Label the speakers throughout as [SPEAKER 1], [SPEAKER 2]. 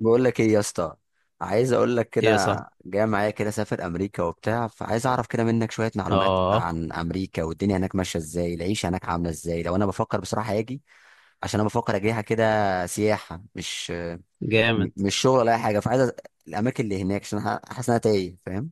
[SPEAKER 1] بقول لك ايه يا اسطى. عايز اقول لك
[SPEAKER 2] هي
[SPEAKER 1] كده،
[SPEAKER 2] صح.
[SPEAKER 1] جاي معايا كده سافر امريكا وبتاع، فعايز اعرف كده منك شويه معلومات
[SPEAKER 2] اه.
[SPEAKER 1] عن امريكا والدنيا هناك ماشيه ازاي، العيشه هناك عامله ازاي، لو انا بفكر بصراحه اجي. عشان انا بفكر اجيها كده سياحه، مش م-
[SPEAKER 2] جامد.
[SPEAKER 1] مش شغل ولا اي حاجه، فعايز الاماكن اللي هناك عشان أنا حاسس ان انا تايه، فاهم.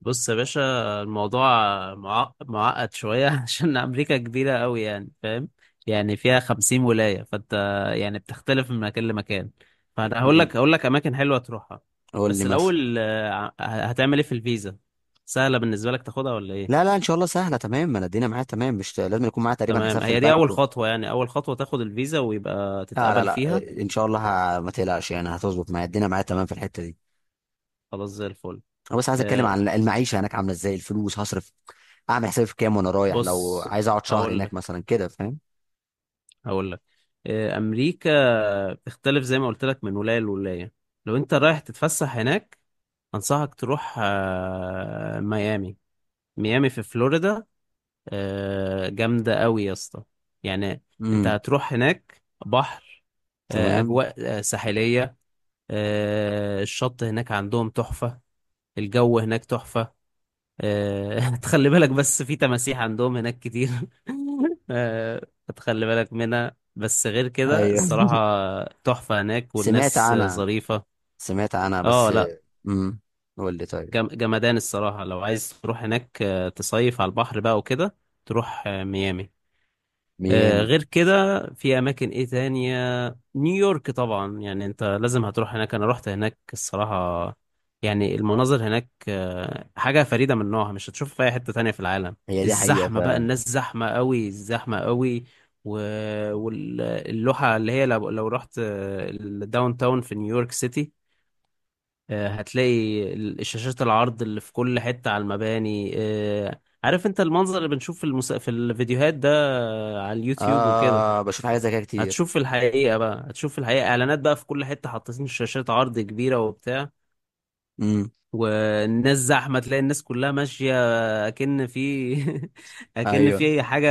[SPEAKER 2] بص يا باشا، الموضوع معقد شوية عشان أمريكا كبيرة أوي، يعني فاهم، يعني فيها 50 ولاية، فأنت يعني بتختلف من مكان لمكان. فأنا هقول لك
[SPEAKER 1] مم.
[SPEAKER 2] هقول لك أماكن حلوة تروحها.
[SPEAKER 1] قول لي
[SPEAKER 2] بس
[SPEAKER 1] مثلا.
[SPEAKER 2] الأول، هتعمل إيه في الفيزا؟ سهلة بالنسبة لك تاخدها ولا إيه؟
[SPEAKER 1] لا لا ان شاء الله سهله تمام، انا الدنيا معايا تمام، مش لازم يكون معايا تقريبا حساب
[SPEAKER 2] تمام،
[SPEAKER 1] في
[SPEAKER 2] هي دي
[SPEAKER 1] البنك
[SPEAKER 2] أول
[SPEAKER 1] و...
[SPEAKER 2] خطوة، يعني أول خطوة تاخد الفيزا ويبقى
[SPEAKER 1] لا لا
[SPEAKER 2] تتقبل
[SPEAKER 1] لا
[SPEAKER 2] فيها.
[SPEAKER 1] ان شاء الله. ما تقلقش يعني، هتظبط معايا الدنيا معايا تمام في الحته دي.
[SPEAKER 2] خلاص، زي الفل.
[SPEAKER 1] انا بس عايز اتكلم
[SPEAKER 2] آه،
[SPEAKER 1] عن المعيشه هناك عامله ازاي، الفلوس هصرف اعمل حسابي في كام وانا رايح، لو
[SPEAKER 2] بص،
[SPEAKER 1] عايز اقعد شهر
[SPEAKER 2] هقول
[SPEAKER 1] هناك مثلا كده، فاهم.
[SPEAKER 2] هقول لك. امريكا بتختلف زي ما قلت لك من ولايه لولايه. لو انت رايح تتفسح هناك، انصحك تروح ميامي. ميامي في فلوريدا. جامده قوي يا اسطى. يعني انت
[SPEAKER 1] امم،
[SPEAKER 2] هتروح هناك بحر،
[SPEAKER 1] تمام.
[SPEAKER 2] اجواء ساحليه. الشط هناك عندهم تحفه، الجو هناك تحفه. تخلي بالك بس، في تماسيح عندهم هناك كتير. آه، تخلي بالك منها، بس غير كده
[SPEAKER 1] ايوه
[SPEAKER 2] الصراحة تحفة هناك،
[SPEAKER 1] سمعت
[SPEAKER 2] والناس
[SPEAKER 1] عنها،
[SPEAKER 2] ظريفة.
[SPEAKER 1] سمعت عنها
[SPEAKER 2] اه
[SPEAKER 1] بس.
[SPEAKER 2] لا.
[SPEAKER 1] امم، قول لي طيب.
[SPEAKER 2] جمدان الصراحة. لو عايز تروح هناك تصيف على البحر بقى وكده، تروح ميامي.
[SPEAKER 1] ميامي.
[SPEAKER 2] غير كده في اماكن ايه تانية؟ نيويورك طبعا، يعني انت لازم هتروح هناك. انا رحت هناك الصراحة، يعني المناظر هناك حاجة فريدة من نوعها، مش هتشوفها في اي حتة تانية في العالم.
[SPEAKER 1] هي دي حقيقه
[SPEAKER 2] الزحمة بقى،
[SPEAKER 1] فعلا.
[SPEAKER 2] الناس زحمة قوي زحمة قوي. واللوحة اللي هي لو رحت الداون تاون في نيويورك سيتي، هتلاقي شاشات العرض اللي في كل حتة على المباني. عارف انت المنظر اللي بنشوف في في الفيديوهات ده، على اليوتيوب وكده.
[SPEAKER 1] اه بشوف حاجات زي كده
[SPEAKER 2] هتشوف
[SPEAKER 1] كتير.
[SPEAKER 2] في الحقيقة بقى، هتشوف في الحقيقة اعلانات بقى في كل حتة، حاطين شاشات عرض كبيرة وبتاع.
[SPEAKER 1] امم.
[SPEAKER 2] والناس زحمة، تلاقي الناس كلها ماشية اكن في... اكن
[SPEAKER 1] ايوه.
[SPEAKER 2] في حاجة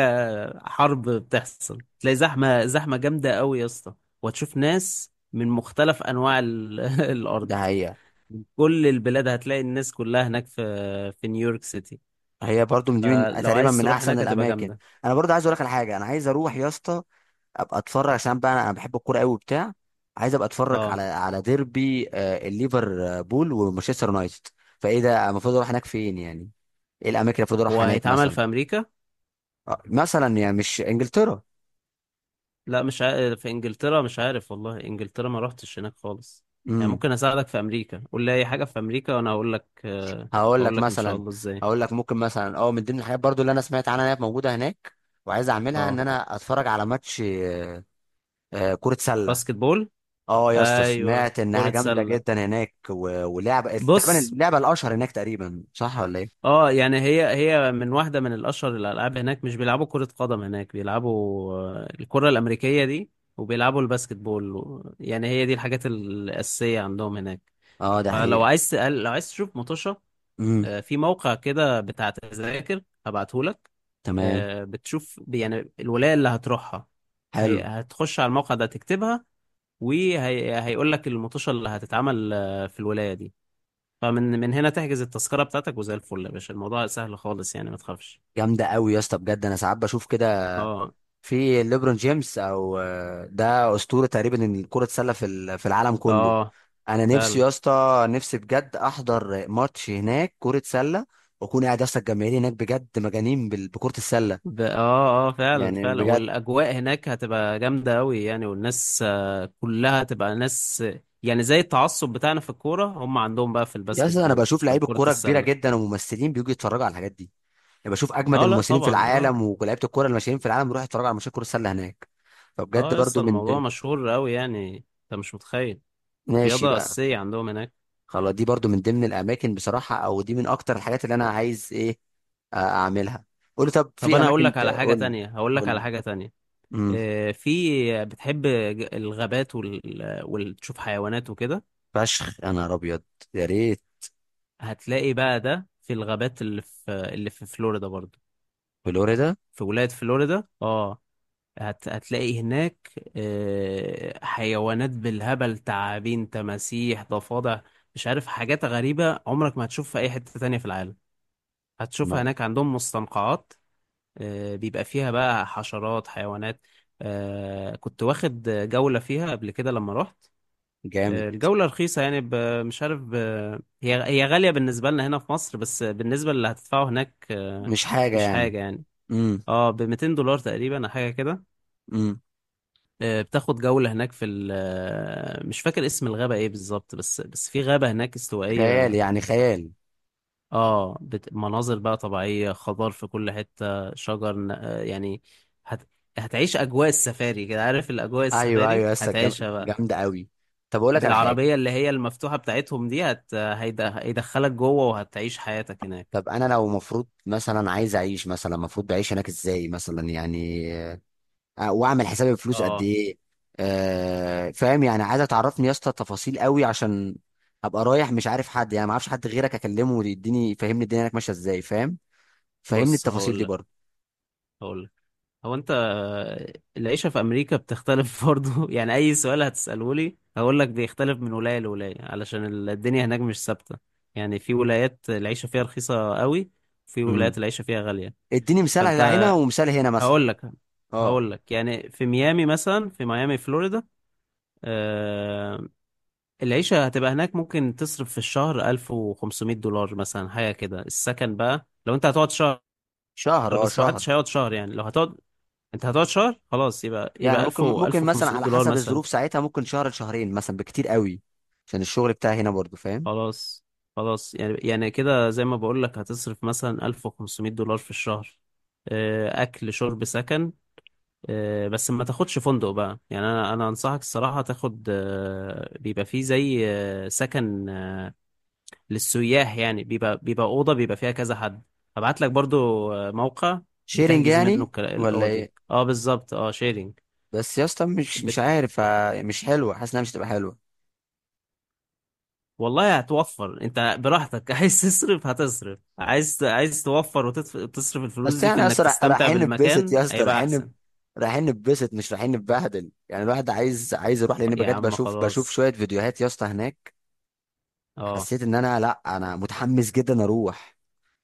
[SPEAKER 2] حرب بتحصل. تلاقي زحمة زحمة جامدة قوي يا اسطى. وهتشوف ناس من مختلف انواع
[SPEAKER 1] ده
[SPEAKER 2] الارض،
[SPEAKER 1] حقيقه.
[SPEAKER 2] كل البلاد. هتلاقي الناس كلها هناك في نيويورك سيتي.
[SPEAKER 1] هي برضو من دي من
[SPEAKER 2] فلو
[SPEAKER 1] تقريبا
[SPEAKER 2] عايز
[SPEAKER 1] من
[SPEAKER 2] تروح
[SPEAKER 1] احسن
[SPEAKER 2] هناك هتبقى
[SPEAKER 1] الاماكن.
[SPEAKER 2] جامدة.
[SPEAKER 1] انا برضو عايز اقول لك على حاجه، انا عايز اروح يا اسطى ابقى اتفرج، عشان بقى أنا بحب الكوره قوي وبتاع. عايز ابقى اتفرج
[SPEAKER 2] اه،
[SPEAKER 1] على ديربي الليفربول ومانشستر يونايتد. فايه ده، المفروض اروح هناك فين يعني، ايه الاماكن اللي المفروض
[SPEAKER 2] هو
[SPEAKER 1] اروح هناك
[SPEAKER 2] هيتعمل
[SPEAKER 1] مثلا.
[SPEAKER 2] في امريكا؟
[SPEAKER 1] مثلا يعني مش انجلترا.
[SPEAKER 2] لا مش عارف، في انجلترا مش عارف والله. انجلترا ما رحتش هناك خالص. يعني
[SPEAKER 1] امم.
[SPEAKER 2] ممكن اساعدك في امريكا، قول لي اي حاجه في امريكا وانا
[SPEAKER 1] هقول
[SPEAKER 2] اقول
[SPEAKER 1] لك
[SPEAKER 2] لك ان شاء
[SPEAKER 1] مثلا.
[SPEAKER 2] الله ازاي.
[SPEAKER 1] هقول لك ممكن مثلا اه من ضمن الحاجات برضو اللي انا سمعت عنها انها موجوده هناك، وعايز اعملها ان
[SPEAKER 2] اه،
[SPEAKER 1] انا اتفرج على ماتش كرة سلة.
[SPEAKER 2] باسكت بول.
[SPEAKER 1] اه يا اسطى،
[SPEAKER 2] ايوه،
[SPEAKER 1] سمعت انها
[SPEAKER 2] كره
[SPEAKER 1] جامده
[SPEAKER 2] سله.
[SPEAKER 1] جدا هناك ولعبه تقريبا
[SPEAKER 2] بص،
[SPEAKER 1] اللعبه الاشهر هناك تقريبا، صح ولا ايه؟
[SPEAKER 2] اه يعني هي هي من واحده من الاشهر الالعاب هناك. مش بيلعبوا كره قدم هناك، بيلعبوا الكره الامريكيه دي. وبيلعبوا الباسكت بول يعني هي دي الحاجات الاساسيه عندهم هناك.
[SPEAKER 1] اه ده
[SPEAKER 2] فلو
[SPEAKER 1] حقيقي.
[SPEAKER 2] عايز تقل... لو عايز تشوف مطوشه، في موقع كده بتاع تذاكر هبعتهولك.
[SPEAKER 1] تمام.
[SPEAKER 2] بتشوف يعني الولاية اللي هتروحها، هي
[SPEAKER 1] حلو.
[SPEAKER 2] هتخش على الموقع ده تكتبها، وهيقول لك المطوشة اللي هتتعمل في الولاية دي. فمن هنا تحجز التذكرة بتاعتك، وزي الفل يا باشا. الموضوع سهل خالص يعني، ما تخافش.
[SPEAKER 1] جامده قوي يا اسطى، بجد انا ساعات بشوف كده
[SPEAKER 2] اه
[SPEAKER 1] في ليبرون جيمس او ده اسطوره تقريبا إن كره السله في في العالم كله.
[SPEAKER 2] اه
[SPEAKER 1] انا نفسي
[SPEAKER 2] فعلا
[SPEAKER 1] يا اسطى، نفسي بجد احضر ماتش هناك كره سله، واكون قاعد يا اسطى، الجماهير هناك بجد مجانين بكره السله،
[SPEAKER 2] اه اه فعلا
[SPEAKER 1] يعني
[SPEAKER 2] فعلا.
[SPEAKER 1] بجد.
[SPEAKER 2] والاجواء هناك هتبقى جامده قوي يعني، والناس كلها هتبقى ناس، يعني زي التعصب بتاعنا في الكوره، هم عندهم بقى في
[SPEAKER 1] يا
[SPEAKER 2] الباسكت
[SPEAKER 1] اسطى انا
[SPEAKER 2] بول
[SPEAKER 1] بشوف
[SPEAKER 2] في
[SPEAKER 1] لعيبه
[SPEAKER 2] كره
[SPEAKER 1] كوره كبيره
[SPEAKER 2] السله.
[SPEAKER 1] جدا وممثلين بيجوا يتفرجوا على الحاجات دي، يعني بشوف اجمد
[SPEAKER 2] اه لا
[SPEAKER 1] الممثلين في
[SPEAKER 2] طبعا، اه.
[SPEAKER 1] العالم ولعيبه الكوره اللي ماشيين في العالم بيروحوا يتفرجوا على ماتشات كره السله هناك. فبجد
[SPEAKER 2] اه يا اسطى،
[SPEAKER 1] برضو
[SPEAKER 2] الموضوع مشهور قوي يعني، انت مش متخيل.
[SPEAKER 1] ماشي
[SPEAKER 2] رياضه
[SPEAKER 1] بقى.
[SPEAKER 2] اساسيه عندهم هناك.
[SPEAKER 1] خلاص دي برضو من ضمن الاماكن بصراحه، او دي من اكتر الحاجات اللي انا عايز ايه، اعملها. قول لي طب
[SPEAKER 2] طب
[SPEAKER 1] في
[SPEAKER 2] انا اقول
[SPEAKER 1] اماكن،
[SPEAKER 2] لك على حاجه
[SPEAKER 1] قول لي
[SPEAKER 2] تانية هقول لك
[SPEAKER 1] قول
[SPEAKER 2] على
[SPEAKER 1] لي.
[SPEAKER 2] حاجه تانية.
[SPEAKER 1] امم.
[SPEAKER 2] في بتحب الغابات وتشوف حيوانات وكده؟
[SPEAKER 1] فشخ يا نهار ابيض. يا ريت.
[SPEAKER 2] هتلاقي بقى ده في الغابات اللي في فلوريدا برضه.
[SPEAKER 1] فلوريدا.
[SPEAKER 2] في ولاية فلوريدا اه. هتلاقي هناك حيوانات بالهبل: تعابين، تماسيح، ضفادع، مش عارف. حاجات غريبة عمرك ما هتشوفها في أي حتة تانية في العالم، هتشوفها
[SPEAKER 1] ما-
[SPEAKER 2] هناك. عندهم مستنقعات بيبقى فيها بقى حشرات، حيوانات. كنت واخد جولة فيها قبل كده لما رحت.
[SPEAKER 1] جامد.
[SPEAKER 2] الجولة رخيصة يعني ب... مش عارف ب... هي هي غالية بالنسبة لنا هنا في مصر، بس بالنسبة للي هتدفعه هناك
[SPEAKER 1] مش حاجه
[SPEAKER 2] مش
[SPEAKER 1] يعني.
[SPEAKER 2] حاجة يعني.
[SPEAKER 1] امم.
[SPEAKER 2] اه، ب 200 دولار تقريبا أو حاجة كده.
[SPEAKER 1] امم.
[SPEAKER 2] بتاخد جولة هناك في ال مش فاكر اسم الغابة ايه بالظبط، بس في غابة هناك
[SPEAKER 1] خيال
[SPEAKER 2] استوائية.
[SPEAKER 1] يعني خيال.
[SPEAKER 2] اه مناظر بقى طبيعية، خضار في كل حتة، شجر، يعني هت... هتعيش أجواء السفاري كده. عارف الأجواء
[SPEAKER 1] ايوه
[SPEAKER 2] السفاري
[SPEAKER 1] ايوه
[SPEAKER 2] هتعيشها بقى،
[SPEAKER 1] جامده قوي. طب اقول لك على حاجه،
[SPEAKER 2] بالعربية اللي هي المفتوحة بتاعتهم دي. هيدخلك جوه وهتعيش حياتك هناك.
[SPEAKER 1] طب انا لو مفروض مثلا عايز اعيش مثلا، مفروض بعيش هناك ازاي مثلا يعني، واعمل حساب الفلوس قد
[SPEAKER 2] اه
[SPEAKER 1] ايه. فاهم يعني، عايزه تعرفني يا اسطى تفاصيل قوي، عشان هبقى رايح مش عارف حد، يعني ما اعرفش حد غيرك اكلمه يديني يفهمني الدنيا هناك ماشيه ازاي، فاهم. فهمني
[SPEAKER 2] بص،
[SPEAKER 1] التفاصيل دي برضه.
[SPEAKER 2] هقولك. هو انت، العيشة في امريكا بتختلف برضو. يعني اي سؤال هتسأله لي هقول لك بيختلف من ولاية لولاية، علشان الدنيا هناك مش ثابتة. يعني في ولايات العيشة فيها رخيصة قوي، في ولايات
[SPEAKER 1] امم.
[SPEAKER 2] العيشة فيها غالية.
[SPEAKER 1] اديني مثال على هنا
[SPEAKER 2] فانت،
[SPEAKER 1] ومثال هنا مثلا.
[SPEAKER 2] هقول لك
[SPEAKER 1] اه
[SPEAKER 2] هقول لك يعني في ميامي مثلا. في ميامي فلوريدا، آه، العيشة هتبقى هناك، ممكن تصرف في الشهر 1500 دولار مثلا، حاجة كده. السكن بقى لو انت هتقعد شهر،
[SPEAKER 1] شهر، اه
[SPEAKER 2] بس ما
[SPEAKER 1] شهر.
[SPEAKER 2] حدش هيقعد شهر. يعني لو هتقعد، انت هتقعد شهر خلاص، يبقى
[SPEAKER 1] يعني
[SPEAKER 2] 1000
[SPEAKER 1] ممكن
[SPEAKER 2] و
[SPEAKER 1] ممكن مثلا
[SPEAKER 2] 1500
[SPEAKER 1] على
[SPEAKER 2] دولار
[SPEAKER 1] حسب
[SPEAKER 2] مثلا.
[SPEAKER 1] الظروف ساعتها ممكن شهر لشهرين مثلا بكتير قوي، عشان الشغل بتاعي هنا برضه، فاهم.
[SPEAKER 2] خلاص خلاص، يعني كده زي ما بقول لك، هتصرف مثلا 1500 دولار في الشهر. اكل، شرب، سكن. بس ما تاخدش فندق بقى، يعني انا انصحك الصراحة تاخد بيبقى فيه زي سكن للسياح. يعني بيبقى أوضة بيبقى فيها كذا حد. هبعت لك برضو موقع
[SPEAKER 1] شيرنج
[SPEAKER 2] بتحجز منه
[SPEAKER 1] يعني، ولا
[SPEAKER 2] الأوض دي.
[SPEAKER 1] ايه؟
[SPEAKER 2] اه بالظبط، اه، شيرنج.
[SPEAKER 1] بس يا اسطى مش عارف، مش حلوه، حاسس انها مش هتبقى حلوه.
[SPEAKER 2] والله هتوفر انت براحتك عايز تصرف هتصرف، عايز توفر وتصرف الفلوس
[SPEAKER 1] بس
[SPEAKER 2] دي في
[SPEAKER 1] احنا يا
[SPEAKER 2] انك
[SPEAKER 1] اسطى
[SPEAKER 2] تستمتع
[SPEAKER 1] رايحين نتبسط
[SPEAKER 2] بالمكان،
[SPEAKER 1] يا اسطى،
[SPEAKER 2] هيبقى احسن.
[SPEAKER 1] رايحين نتبسط مش رايحين نتبهدل، يعني الواحد عايز، عايز يروح، لان
[SPEAKER 2] طيب يا
[SPEAKER 1] بجد
[SPEAKER 2] عم،
[SPEAKER 1] بشوف، بشوف
[SPEAKER 2] خلاص.
[SPEAKER 1] شويه فيديوهات يا اسطى هناك،
[SPEAKER 2] اه
[SPEAKER 1] حسيت ان انا، لا انا متحمس جدا اروح.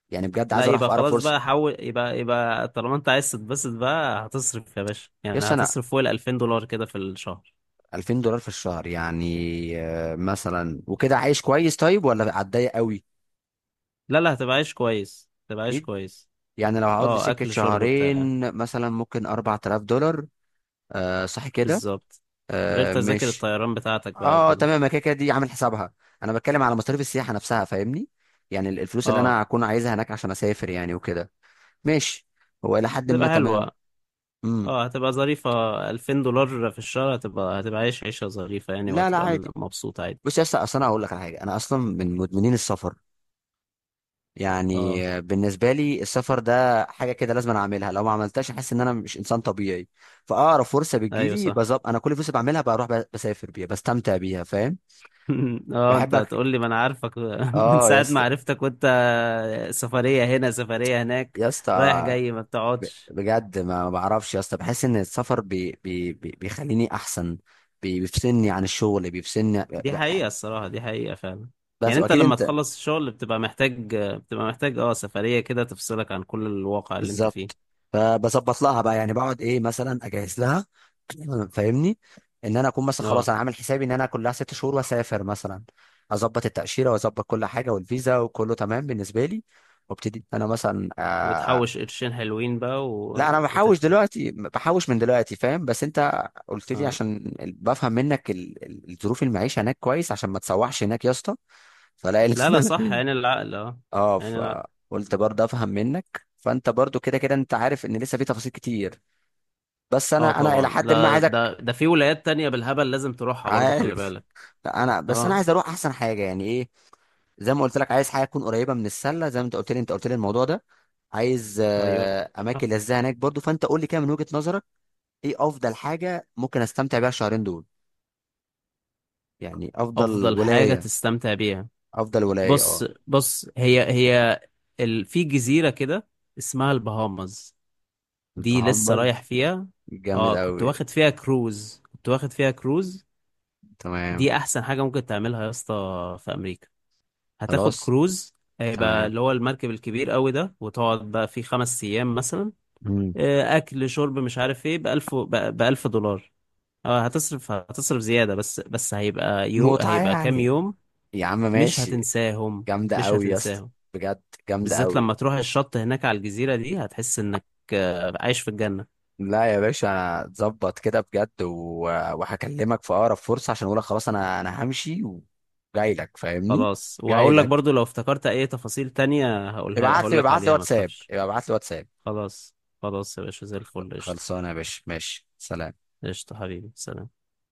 [SPEAKER 1] يعني بجد
[SPEAKER 2] لا،
[SPEAKER 1] عايز اروح
[SPEAKER 2] يبقى
[SPEAKER 1] في اقرب
[SPEAKER 2] خلاص
[SPEAKER 1] فرصه.
[SPEAKER 2] بقى، حول يبقى، طالما انت عايز تتبسط بقى هتصرف يا باشا،
[SPEAKER 1] يا
[SPEAKER 2] يعني
[SPEAKER 1] اسطى انا
[SPEAKER 2] هتصرف فوق ال 2000 دولار كده في الشهر.
[SPEAKER 1] 2000 دولار في الشهر يعني، مثلا وكده عايش كويس طيب، ولا هتضايق قوي؟
[SPEAKER 2] لا لا، هتبقى عايش كويس، هتبقى عايش
[SPEAKER 1] اكيد.
[SPEAKER 2] كويس.
[SPEAKER 1] يعني لو هقعد لي
[SPEAKER 2] اه،
[SPEAKER 1] سكه
[SPEAKER 2] اكل، شرب، بتاع.
[SPEAKER 1] شهرين مثلا، ممكن 4000 دولار. آه صح كده.
[SPEAKER 2] بالظبط، غير
[SPEAKER 1] آه
[SPEAKER 2] تذاكر
[SPEAKER 1] مش
[SPEAKER 2] الطيران بتاعتك بقى
[SPEAKER 1] اه
[SPEAKER 2] وكده.
[SPEAKER 1] تمام، ما كده كده دي عامل حسابها. انا بتكلم على مصاريف السياحه نفسها فاهمني، يعني الفلوس اللي
[SPEAKER 2] اه،
[SPEAKER 1] انا هكون عايزها هناك عشان اسافر يعني وكده. ماشي. هو الى حد ما
[SPEAKER 2] تبقى
[SPEAKER 1] تمام.
[SPEAKER 2] حلوة.
[SPEAKER 1] امم.
[SPEAKER 2] اه، هتبقى ظريفة. 2000 دولار في الشهر هتبقى عايش عيشة ظريفة يعني،
[SPEAKER 1] لا لا
[SPEAKER 2] وهتبقى
[SPEAKER 1] عادي.
[SPEAKER 2] مبسوط عادي.
[SPEAKER 1] بص يا اسطى، اصل انا هقول لك على حاجه، انا اصلا من مدمنين السفر،
[SPEAKER 2] اه
[SPEAKER 1] يعني بالنسبه لي السفر ده حاجه كده لازم أنا اعملها، لو ما عملتهاش احس ان انا مش انسان طبيعي. فاقرب فرصه
[SPEAKER 2] ايوه
[SPEAKER 1] بتجيلي
[SPEAKER 2] صح.
[SPEAKER 1] بظبط، انا كل فرصه بعملها بروح، بسافر بيها بستمتع بيها، فاهم.
[SPEAKER 2] اه انت
[SPEAKER 1] بحبك.
[SPEAKER 2] هتقول لي، ما انا عارفك. من
[SPEAKER 1] اه يا
[SPEAKER 2] ساعة ما
[SPEAKER 1] اسطى.
[SPEAKER 2] عرفتك وانت سفرية هنا سفرية هناك،
[SPEAKER 1] يا اسطى،
[SPEAKER 2] رايح جاي، ما بتقعدش.
[SPEAKER 1] بجد ما بعرفش يا اسطى، بحس ان السفر بي بي بي بيخليني احسن، بيفصلني عن الشغل بيفصلني
[SPEAKER 2] دي حقيقة فعلا.
[SPEAKER 1] بس،
[SPEAKER 2] يعني انت
[SPEAKER 1] واكيد
[SPEAKER 2] لما
[SPEAKER 1] انت
[SPEAKER 2] تخلص الشغل بتبقى محتاج اه، سفرية كده تفصلك عن كل الواقع اللي انت
[SPEAKER 1] بالظبط.
[SPEAKER 2] فيه.
[SPEAKER 1] فبظبط لها بقى، يعني بقعد ايه مثلا اجهز لها. فاهمني، ان انا اكون مثلا خلاص
[SPEAKER 2] اه،
[SPEAKER 1] انا عامل حسابي ان انا كلها 6 شهور واسافر مثلا، اظبط التاشيره واظبط كل حاجه والفيزا وكله تمام بالنسبه لي، وابتدي انا مثلا.
[SPEAKER 2] وتحوش قرشين حلوين بقى
[SPEAKER 1] لا انا بحوش
[SPEAKER 2] وتخلى.
[SPEAKER 1] دلوقتي، بحوش من دلوقتي فاهم، بس انت قلت لي
[SPEAKER 2] اه
[SPEAKER 1] عشان بفهم منك الظروف، المعيشه هناك كويس، عشان ما تسوحش هناك يا اسطى. فلاقي
[SPEAKER 2] لا لا، صح،
[SPEAKER 1] ال-
[SPEAKER 2] يعني العقل. اه
[SPEAKER 1] اه
[SPEAKER 2] يعني،
[SPEAKER 1] فقلت برضه افهم منك، فانت برضه كده كده انت عارف ان لسه في تفاصيل كتير، بس
[SPEAKER 2] اه
[SPEAKER 1] انا
[SPEAKER 2] طبعا.
[SPEAKER 1] الى حد ما
[SPEAKER 2] لا
[SPEAKER 1] عايزك.
[SPEAKER 2] ده في ولايات تانية بالهبل لازم تروحها برضو، خلي
[SPEAKER 1] عارف.
[SPEAKER 2] بالك.
[SPEAKER 1] انا بس انا
[SPEAKER 2] اه
[SPEAKER 1] عايز اروح احسن حاجه يعني ايه. زي ما قلت لك، عايز حاجه تكون قريبه من السله زي ما انت قلت لي، انت قلت لي الموضوع ده. عايز
[SPEAKER 2] ايوه،
[SPEAKER 1] اماكن لذيذه هناك برضه، فانت قول لي كده من وجهه نظرك، ايه افضل حاجه ممكن استمتع بيها الشهرين دول، يعني افضل
[SPEAKER 2] افضل حاجة
[SPEAKER 1] ولايه،
[SPEAKER 2] تستمتع بيها.
[SPEAKER 1] افضل ولايه
[SPEAKER 2] بص
[SPEAKER 1] اه.
[SPEAKER 2] بص، هي هي في جزيرة كده اسمها البهامز، دي لسه رايح
[SPEAKER 1] البهامبرز،
[SPEAKER 2] فيها.
[SPEAKER 1] جامد
[SPEAKER 2] اه كنت
[SPEAKER 1] قوي.
[SPEAKER 2] واخد فيها كروز،
[SPEAKER 1] تمام.
[SPEAKER 2] دي احسن حاجة ممكن تعملها يا اسطى في امريكا. هتاخد
[SPEAKER 1] خلاص.
[SPEAKER 2] كروز، هيبقى
[SPEAKER 1] تمام.
[SPEAKER 2] اللي هو المركب الكبير قوي ده، وتقعد بقى فيه 5 ايام مثلا.
[SPEAKER 1] مم.
[SPEAKER 2] اكل، شرب، مش عارف ايه، بـ1000 دولار. اه هتصرف، زيادة بس، هيبقى
[SPEAKER 1] متعه
[SPEAKER 2] هيبقى كام
[SPEAKER 1] يعني،
[SPEAKER 2] يوم.
[SPEAKER 1] يا عم
[SPEAKER 2] مش
[SPEAKER 1] ماشي.
[SPEAKER 2] هتنساهم،
[SPEAKER 1] جامده
[SPEAKER 2] مش
[SPEAKER 1] قوي يا اسطى،
[SPEAKER 2] هتنساهم.
[SPEAKER 1] بجد جامده
[SPEAKER 2] بالذات
[SPEAKER 1] قوي.
[SPEAKER 2] لما تروح الشط هناك على الجزيرة دي، هتحس انك عايش في الجنة.
[SPEAKER 1] لا يا باشا انا اتظبط كده بجد و... وهكلمك في اقرب فرصه عشان اقولك خلاص انا انا همشي وجاي لك، فاهمني.
[SPEAKER 2] خلاص،
[SPEAKER 1] جاي
[SPEAKER 2] وهقول لك
[SPEAKER 1] لك.
[SPEAKER 2] برضو لو افتكرت اي تفاصيل تانية
[SPEAKER 1] ابعت
[SPEAKER 2] هقول
[SPEAKER 1] لي،
[SPEAKER 2] لك
[SPEAKER 1] ابعت لي
[SPEAKER 2] عليها، ما
[SPEAKER 1] واتساب،
[SPEAKER 2] تخافش.
[SPEAKER 1] ابعت لي واتساب.
[SPEAKER 2] خلاص، خلاص يا باشا، زي الفل. قشطة،
[SPEAKER 1] خلصانه يا باشا ماشي، سلام.
[SPEAKER 2] قشطة حبيبي، سلام.